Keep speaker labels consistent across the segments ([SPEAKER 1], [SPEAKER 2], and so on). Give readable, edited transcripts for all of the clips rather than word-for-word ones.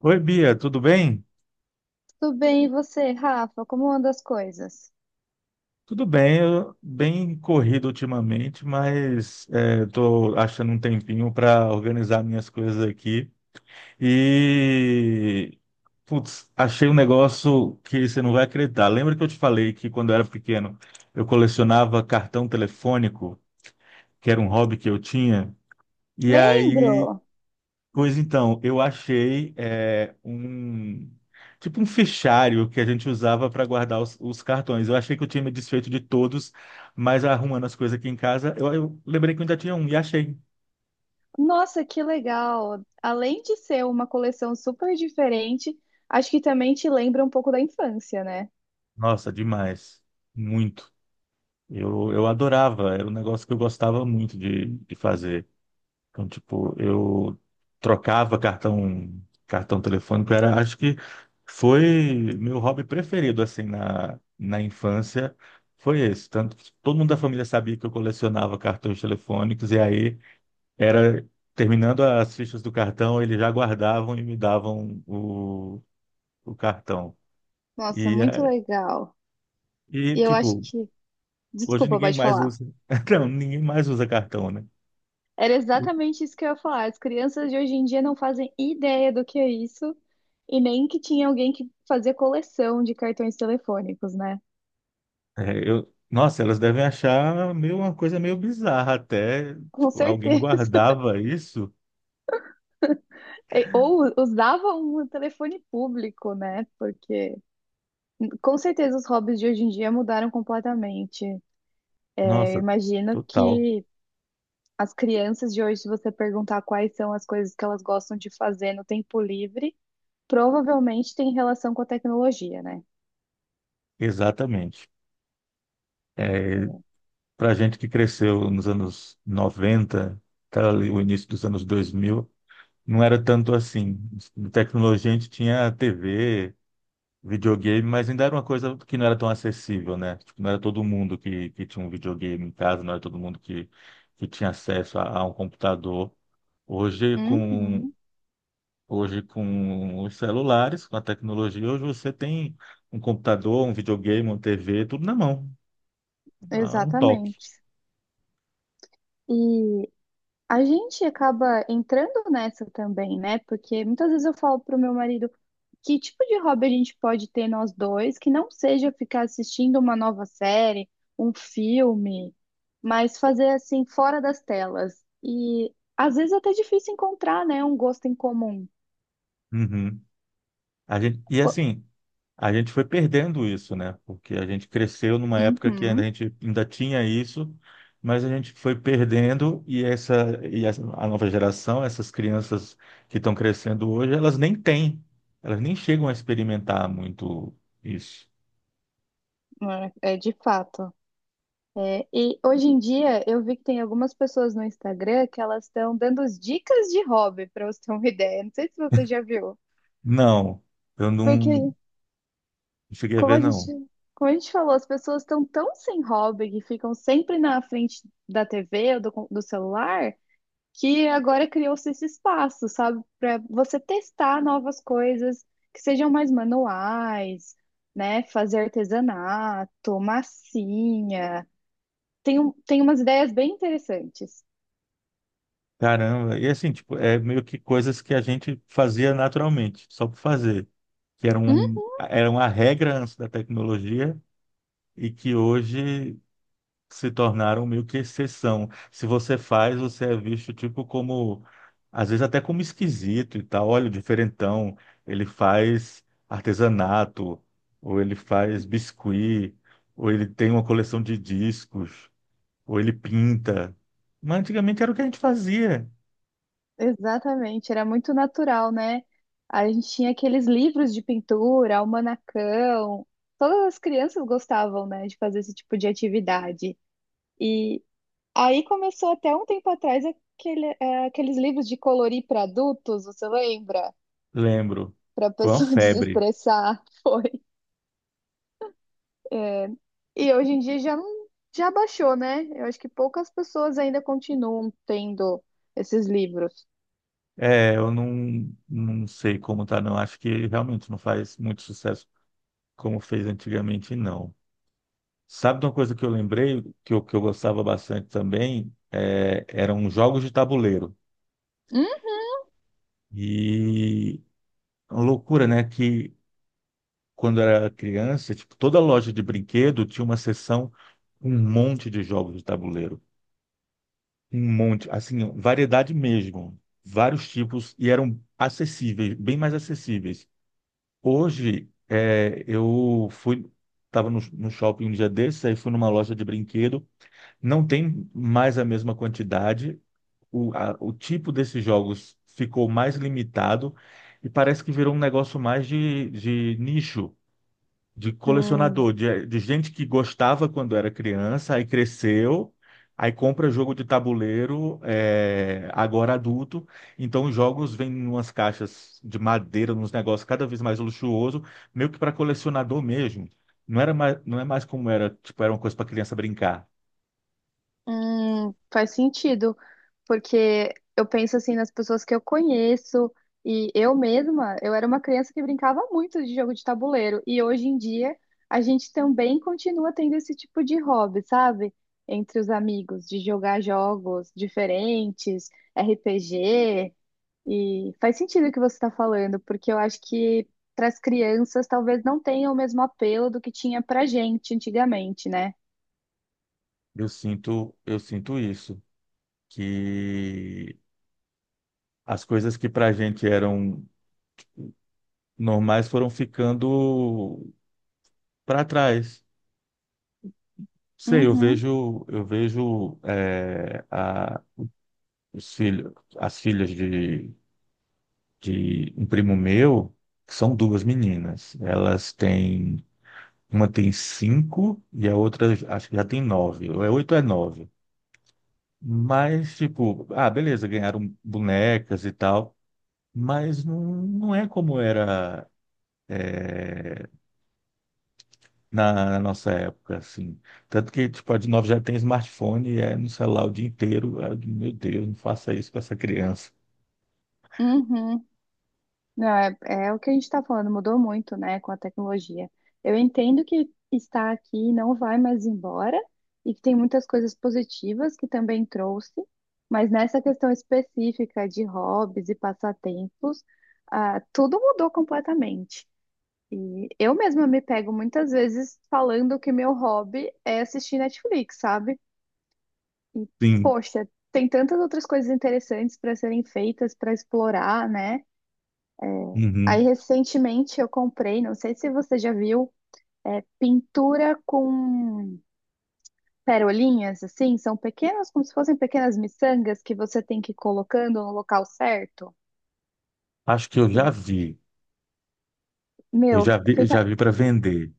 [SPEAKER 1] Oi, Bia, tudo bem?
[SPEAKER 2] Tudo bem, e você, Rafa? Como anda as coisas?
[SPEAKER 1] Tudo bem, eu bem corrido ultimamente, mas estou achando um tempinho para organizar minhas coisas aqui. E, putz, achei um negócio que você não vai acreditar. Lembra que eu te falei que quando eu era pequeno eu colecionava cartão telefônico, que era um hobby que eu tinha? E aí
[SPEAKER 2] Lembro!
[SPEAKER 1] Pois então, eu achei tipo um fichário que a gente usava para guardar os cartões. Eu achei que eu tinha me desfeito de todos, mas arrumando as coisas aqui em casa, eu lembrei que eu ainda tinha um e achei.
[SPEAKER 2] Nossa, que legal! Além de ser uma coleção super diferente, acho que também te lembra um pouco da infância, né?
[SPEAKER 1] Nossa, demais. Muito. Eu adorava, era um negócio que eu gostava muito de fazer. Então, tipo, eu trocava cartão, cartão telefônico, era, acho que foi meu hobby preferido, assim, na infância, foi esse. Tanto que todo mundo da família sabia que eu colecionava cartões telefônicos, e aí era, terminando as fichas do cartão, eles já guardavam e me davam o cartão.
[SPEAKER 2] Nossa,
[SPEAKER 1] E,
[SPEAKER 2] muito
[SPEAKER 1] é,
[SPEAKER 2] legal.
[SPEAKER 1] e,
[SPEAKER 2] E eu acho
[SPEAKER 1] tipo,
[SPEAKER 2] que.
[SPEAKER 1] hoje
[SPEAKER 2] Desculpa,
[SPEAKER 1] ninguém
[SPEAKER 2] pode
[SPEAKER 1] mais
[SPEAKER 2] falar.
[SPEAKER 1] usa, não, ninguém mais usa cartão, né?
[SPEAKER 2] Era exatamente isso que eu ia falar. As crianças de hoje em dia não fazem ideia do que é isso e nem que tinha alguém que fazia coleção de cartões telefônicos, né?
[SPEAKER 1] É, eu, nossa, elas devem achar meio, uma coisa meio bizarra até.
[SPEAKER 2] Com
[SPEAKER 1] Tipo, alguém
[SPEAKER 2] certeza.
[SPEAKER 1] guardava isso?
[SPEAKER 2] É, ou usava um telefone público, né? Porque com certeza os hobbies de hoje em dia mudaram completamente. Eu
[SPEAKER 1] Nossa,
[SPEAKER 2] imagino
[SPEAKER 1] total.
[SPEAKER 2] que as crianças de hoje, se você perguntar quais são as coisas que elas gostam de fazer no tempo livre, provavelmente tem relação com a tecnologia, né?
[SPEAKER 1] Exatamente. É, para gente que cresceu nos anos 90 até ali o início dos anos 2000 não era tanto assim. De tecnologia a gente tinha TV, videogame, mas ainda era uma coisa que não era tão acessível, né? Tipo, não era todo mundo que tinha um videogame em casa, não era todo mundo que tinha acesso a um computador. Hoje, com
[SPEAKER 2] Uhum,
[SPEAKER 1] Hoje, com os celulares, com a tecnologia, hoje você tem um computador, um videogame, uma TV, tudo na mão, a um toque.
[SPEAKER 2] exatamente. E a gente acaba entrando nessa também, né? Porque muitas vezes eu falo pro meu marido que tipo de hobby a gente pode ter nós dois que não seja ficar assistindo uma nova série, um filme, mas fazer assim fora das telas. E às vezes é até difícil encontrar, né, um gosto em comum.
[SPEAKER 1] Uhum. E
[SPEAKER 2] O-
[SPEAKER 1] assim, a gente foi perdendo isso, né? Porque a gente cresceu numa época que ainda a
[SPEAKER 2] Uhum,
[SPEAKER 1] gente ainda tinha isso, mas a gente foi perdendo a nova geração, essas crianças que estão crescendo hoje, elas nem têm, elas nem chegam a experimentar muito isso.
[SPEAKER 2] é de fato. É, e hoje em dia eu vi que tem algumas pessoas no Instagram que elas estão dando as dicas de hobby, para você ter uma ideia. Não sei se você já viu.
[SPEAKER 1] Não, eu não
[SPEAKER 2] Porque
[SPEAKER 1] cheguei a
[SPEAKER 2] Como
[SPEAKER 1] ver,
[SPEAKER 2] a gente,
[SPEAKER 1] não.
[SPEAKER 2] como a gente falou, as pessoas estão tão sem hobby que ficam sempre na frente da TV ou do celular, que agora criou-se esse espaço, sabe, para você testar novas coisas que sejam mais manuais, né? Fazer artesanato, massinha. Tem umas ideias bem interessantes.
[SPEAKER 1] Caramba, e assim, tipo, é meio que coisas que a gente fazia naturalmente, só por fazer, que eram, eram a regra antes da tecnologia e que hoje se tornaram meio que exceção. Se você faz, você é visto, tipo, como, às vezes até como esquisito e tal, olha o diferentão, ele faz artesanato, ou ele faz biscuit, ou ele tem uma coleção de discos, ou ele pinta. Mas antigamente era o que a gente fazia.
[SPEAKER 2] Exatamente, era muito natural, né? A gente tinha aqueles livros de pintura, almanacão. Todas as crianças gostavam, né, de fazer esse tipo de atividade. E aí começou até um tempo atrás aqueles livros de colorir para adultos, você lembra?
[SPEAKER 1] Lembro.
[SPEAKER 2] Para a
[SPEAKER 1] Foi uma
[SPEAKER 2] pessoa
[SPEAKER 1] febre.
[SPEAKER 2] desestressar, foi. E hoje em dia já não- já baixou, né? Eu acho que poucas pessoas ainda continuam tendo esses livros.
[SPEAKER 1] É, eu não sei como tá, não. Acho que realmente não faz muito sucesso como fez antigamente, não. Sabe de uma coisa que eu lembrei, que eu gostava bastante também? É, eram jogos de tabuleiro.
[SPEAKER 2] Hum?
[SPEAKER 1] E uma loucura, né? Que quando eu era criança, tipo, toda loja de brinquedo tinha uma seção com um monte de jogos de tabuleiro. Um monte, assim, variedade mesmo. Vários tipos e eram acessíveis, bem mais acessíveis. Hoje, é, estava no shopping um dia desses, aí fui numa loja de brinquedo. Não tem mais a mesma quantidade. O tipo desses jogos ficou mais limitado e parece que virou um negócio mais de nicho de
[SPEAKER 2] Hum.
[SPEAKER 1] colecionador, de gente que gostava quando era criança, aí cresceu, aí compra jogo de tabuleiro, é, agora adulto. Então os jogos vêm em umas caixas de madeira, nos negócios cada vez mais luxuoso, meio que para colecionador mesmo. Não era mais, não é mais como era, tipo, era uma coisa para criança brincar.
[SPEAKER 2] Faz sentido, porque eu penso assim nas pessoas que eu conheço e eu mesma, eu era uma criança que brincava muito de jogo de tabuleiro e hoje em dia a gente também continua tendo esse tipo de hobby, sabe? Entre os amigos, de jogar jogos diferentes, RPG, e faz sentido o que você está falando, porque eu acho que para as crianças talvez não tenha o mesmo apelo do que tinha para gente antigamente, né?
[SPEAKER 1] Eu sinto isso, que as coisas que para a gente eram normais foram ficando para trás. Sei, eu
[SPEAKER 2] Uhum,
[SPEAKER 1] vejo, eu vejo as filhas de um primo meu, que são duas meninas. Elas têm, uma tem 5 e a outra acho que já tem 9. Ou é 8 ou é 9. Mas, tipo, ah, beleza, ganharam bonecas e tal, mas não, não é como era na nossa época, assim. Tanto que, tipo, a de 9 já tem smartphone e é no celular o dia inteiro. Ah, Meu Deus, não faça isso com essa criança.
[SPEAKER 2] uhum. Não, é o que a gente está falando, mudou muito, né, com a tecnologia. Eu entendo que está aqui e não vai mais embora, e que tem muitas coisas positivas que também trouxe, mas nessa questão específica de hobbies e passatempos, ah, tudo mudou completamente. E eu mesma me pego muitas vezes falando que meu hobby é assistir Netflix, sabe? E,
[SPEAKER 1] Sim.
[SPEAKER 2] poxa, tem tantas outras coisas interessantes para serem feitas, para explorar, né? Aí,
[SPEAKER 1] Uhum.
[SPEAKER 2] recentemente, eu comprei, não sei se você já viu, pintura com perolinhas, assim, são pequenas, como se fossem pequenas miçangas que você tem que ir colocando no local certo.
[SPEAKER 1] Acho que eu
[SPEAKER 2] E,
[SPEAKER 1] já vi. Eu
[SPEAKER 2] meu,
[SPEAKER 1] já vi, eu já
[SPEAKER 2] fica,
[SPEAKER 1] vi para vender.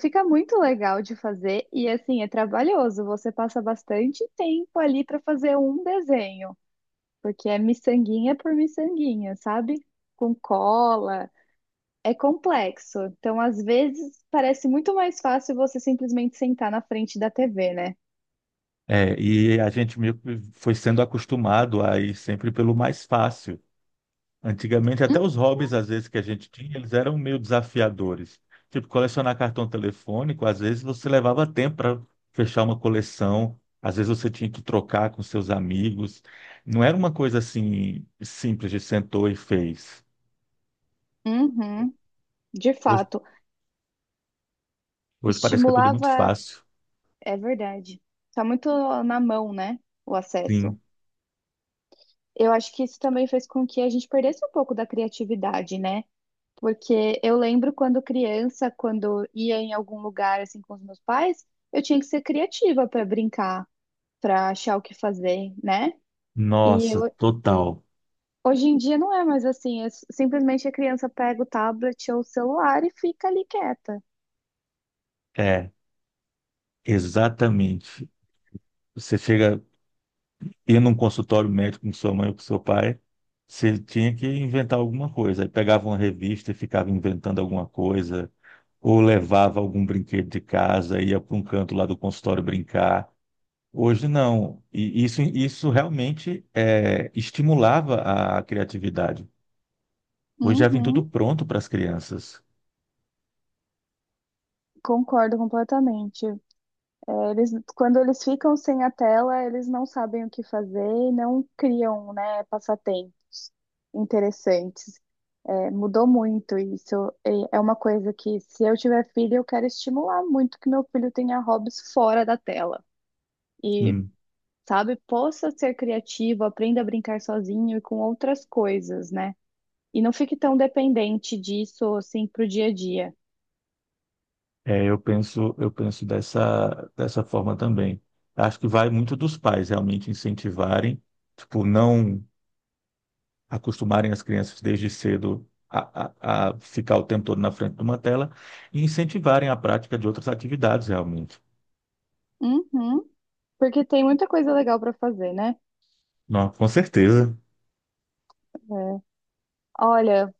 [SPEAKER 2] fica muito legal de fazer e, assim, é trabalhoso. Você passa bastante tempo ali para fazer um desenho, porque é miçanguinha por miçanguinha, sabe? Com cola. É complexo. Então, às vezes, parece muito mais fácil você simplesmente sentar na frente da TV, né?
[SPEAKER 1] É, e a gente meio que foi sendo acostumado a ir sempre pelo mais fácil. Antigamente, até
[SPEAKER 2] Hum?
[SPEAKER 1] os hobbies, às vezes, que a gente tinha, eles eram meio desafiadores. Tipo, colecionar cartão telefônico, às vezes você levava tempo para fechar uma coleção, às vezes você tinha que trocar com seus amigos. Não era uma coisa assim simples de sentou e fez.
[SPEAKER 2] Uhum, de
[SPEAKER 1] Hoje,
[SPEAKER 2] fato.
[SPEAKER 1] hoje parece que é tudo muito
[SPEAKER 2] Estimulava,
[SPEAKER 1] fácil.
[SPEAKER 2] é verdade. Tá muito na mão, né? O acesso.
[SPEAKER 1] Sim.
[SPEAKER 2] Eu acho que isso também fez com que a gente perdesse um pouco da criatividade, né? Porque eu lembro quando criança, quando ia em algum lugar assim com os meus pais, eu tinha que ser criativa para brincar, para achar o que fazer, né? E
[SPEAKER 1] Nossa,
[SPEAKER 2] eu
[SPEAKER 1] total.
[SPEAKER 2] hoje em dia não é mais assim, é simplesmente a criança pega o tablet ou o celular e fica ali quieta.
[SPEAKER 1] É, exatamente. Você chega, ia num consultório médico com sua mãe ou com seu pai, você tinha que inventar alguma coisa. Aí pegava uma revista e ficava inventando alguma coisa, ou levava algum brinquedo de casa, ia para um canto lá do consultório brincar. Hoje não. E isso realmente é, estimulava a criatividade. Hoje já vem
[SPEAKER 2] Uhum,
[SPEAKER 1] tudo pronto para as crianças.
[SPEAKER 2] concordo completamente. É, eles, quando eles ficam sem a tela, eles não sabem o que fazer e não criam, né, passatempos interessantes. É, mudou muito isso. E é uma coisa que, se eu tiver filho, eu quero estimular muito que meu filho tenha hobbies fora da tela. E,
[SPEAKER 1] Sim.
[SPEAKER 2] sabe, possa ser criativo, aprenda a brincar sozinho e com outras coisas, né? E não fique tão dependente disso, assim, pro dia a dia.
[SPEAKER 1] É, eu penso dessa forma também. Acho que vai muito dos pais realmente incentivarem, tipo, não acostumarem as crianças desde cedo a ficar o tempo todo na frente de uma tela e incentivarem a prática de outras atividades realmente.
[SPEAKER 2] Uhum. Porque tem muita coisa legal para fazer, né?
[SPEAKER 1] Não, com certeza.
[SPEAKER 2] É. Olha,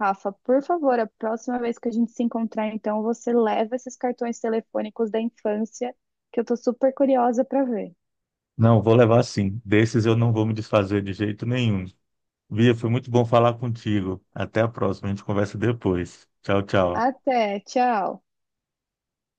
[SPEAKER 2] Rafa, por favor, a próxima vez que a gente se encontrar, então, você leva esses cartões telefônicos da infância, que eu tô super curiosa para ver.
[SPEAKER 1] Não, vou levar sim. Desses eu não vou me desfazer de jeito nenhum. Bia, foi muito bom falar contigo. Até a próxima, a gente conversa depois. Tchau, tchau.
[SPEAKER 2] Até, tchau.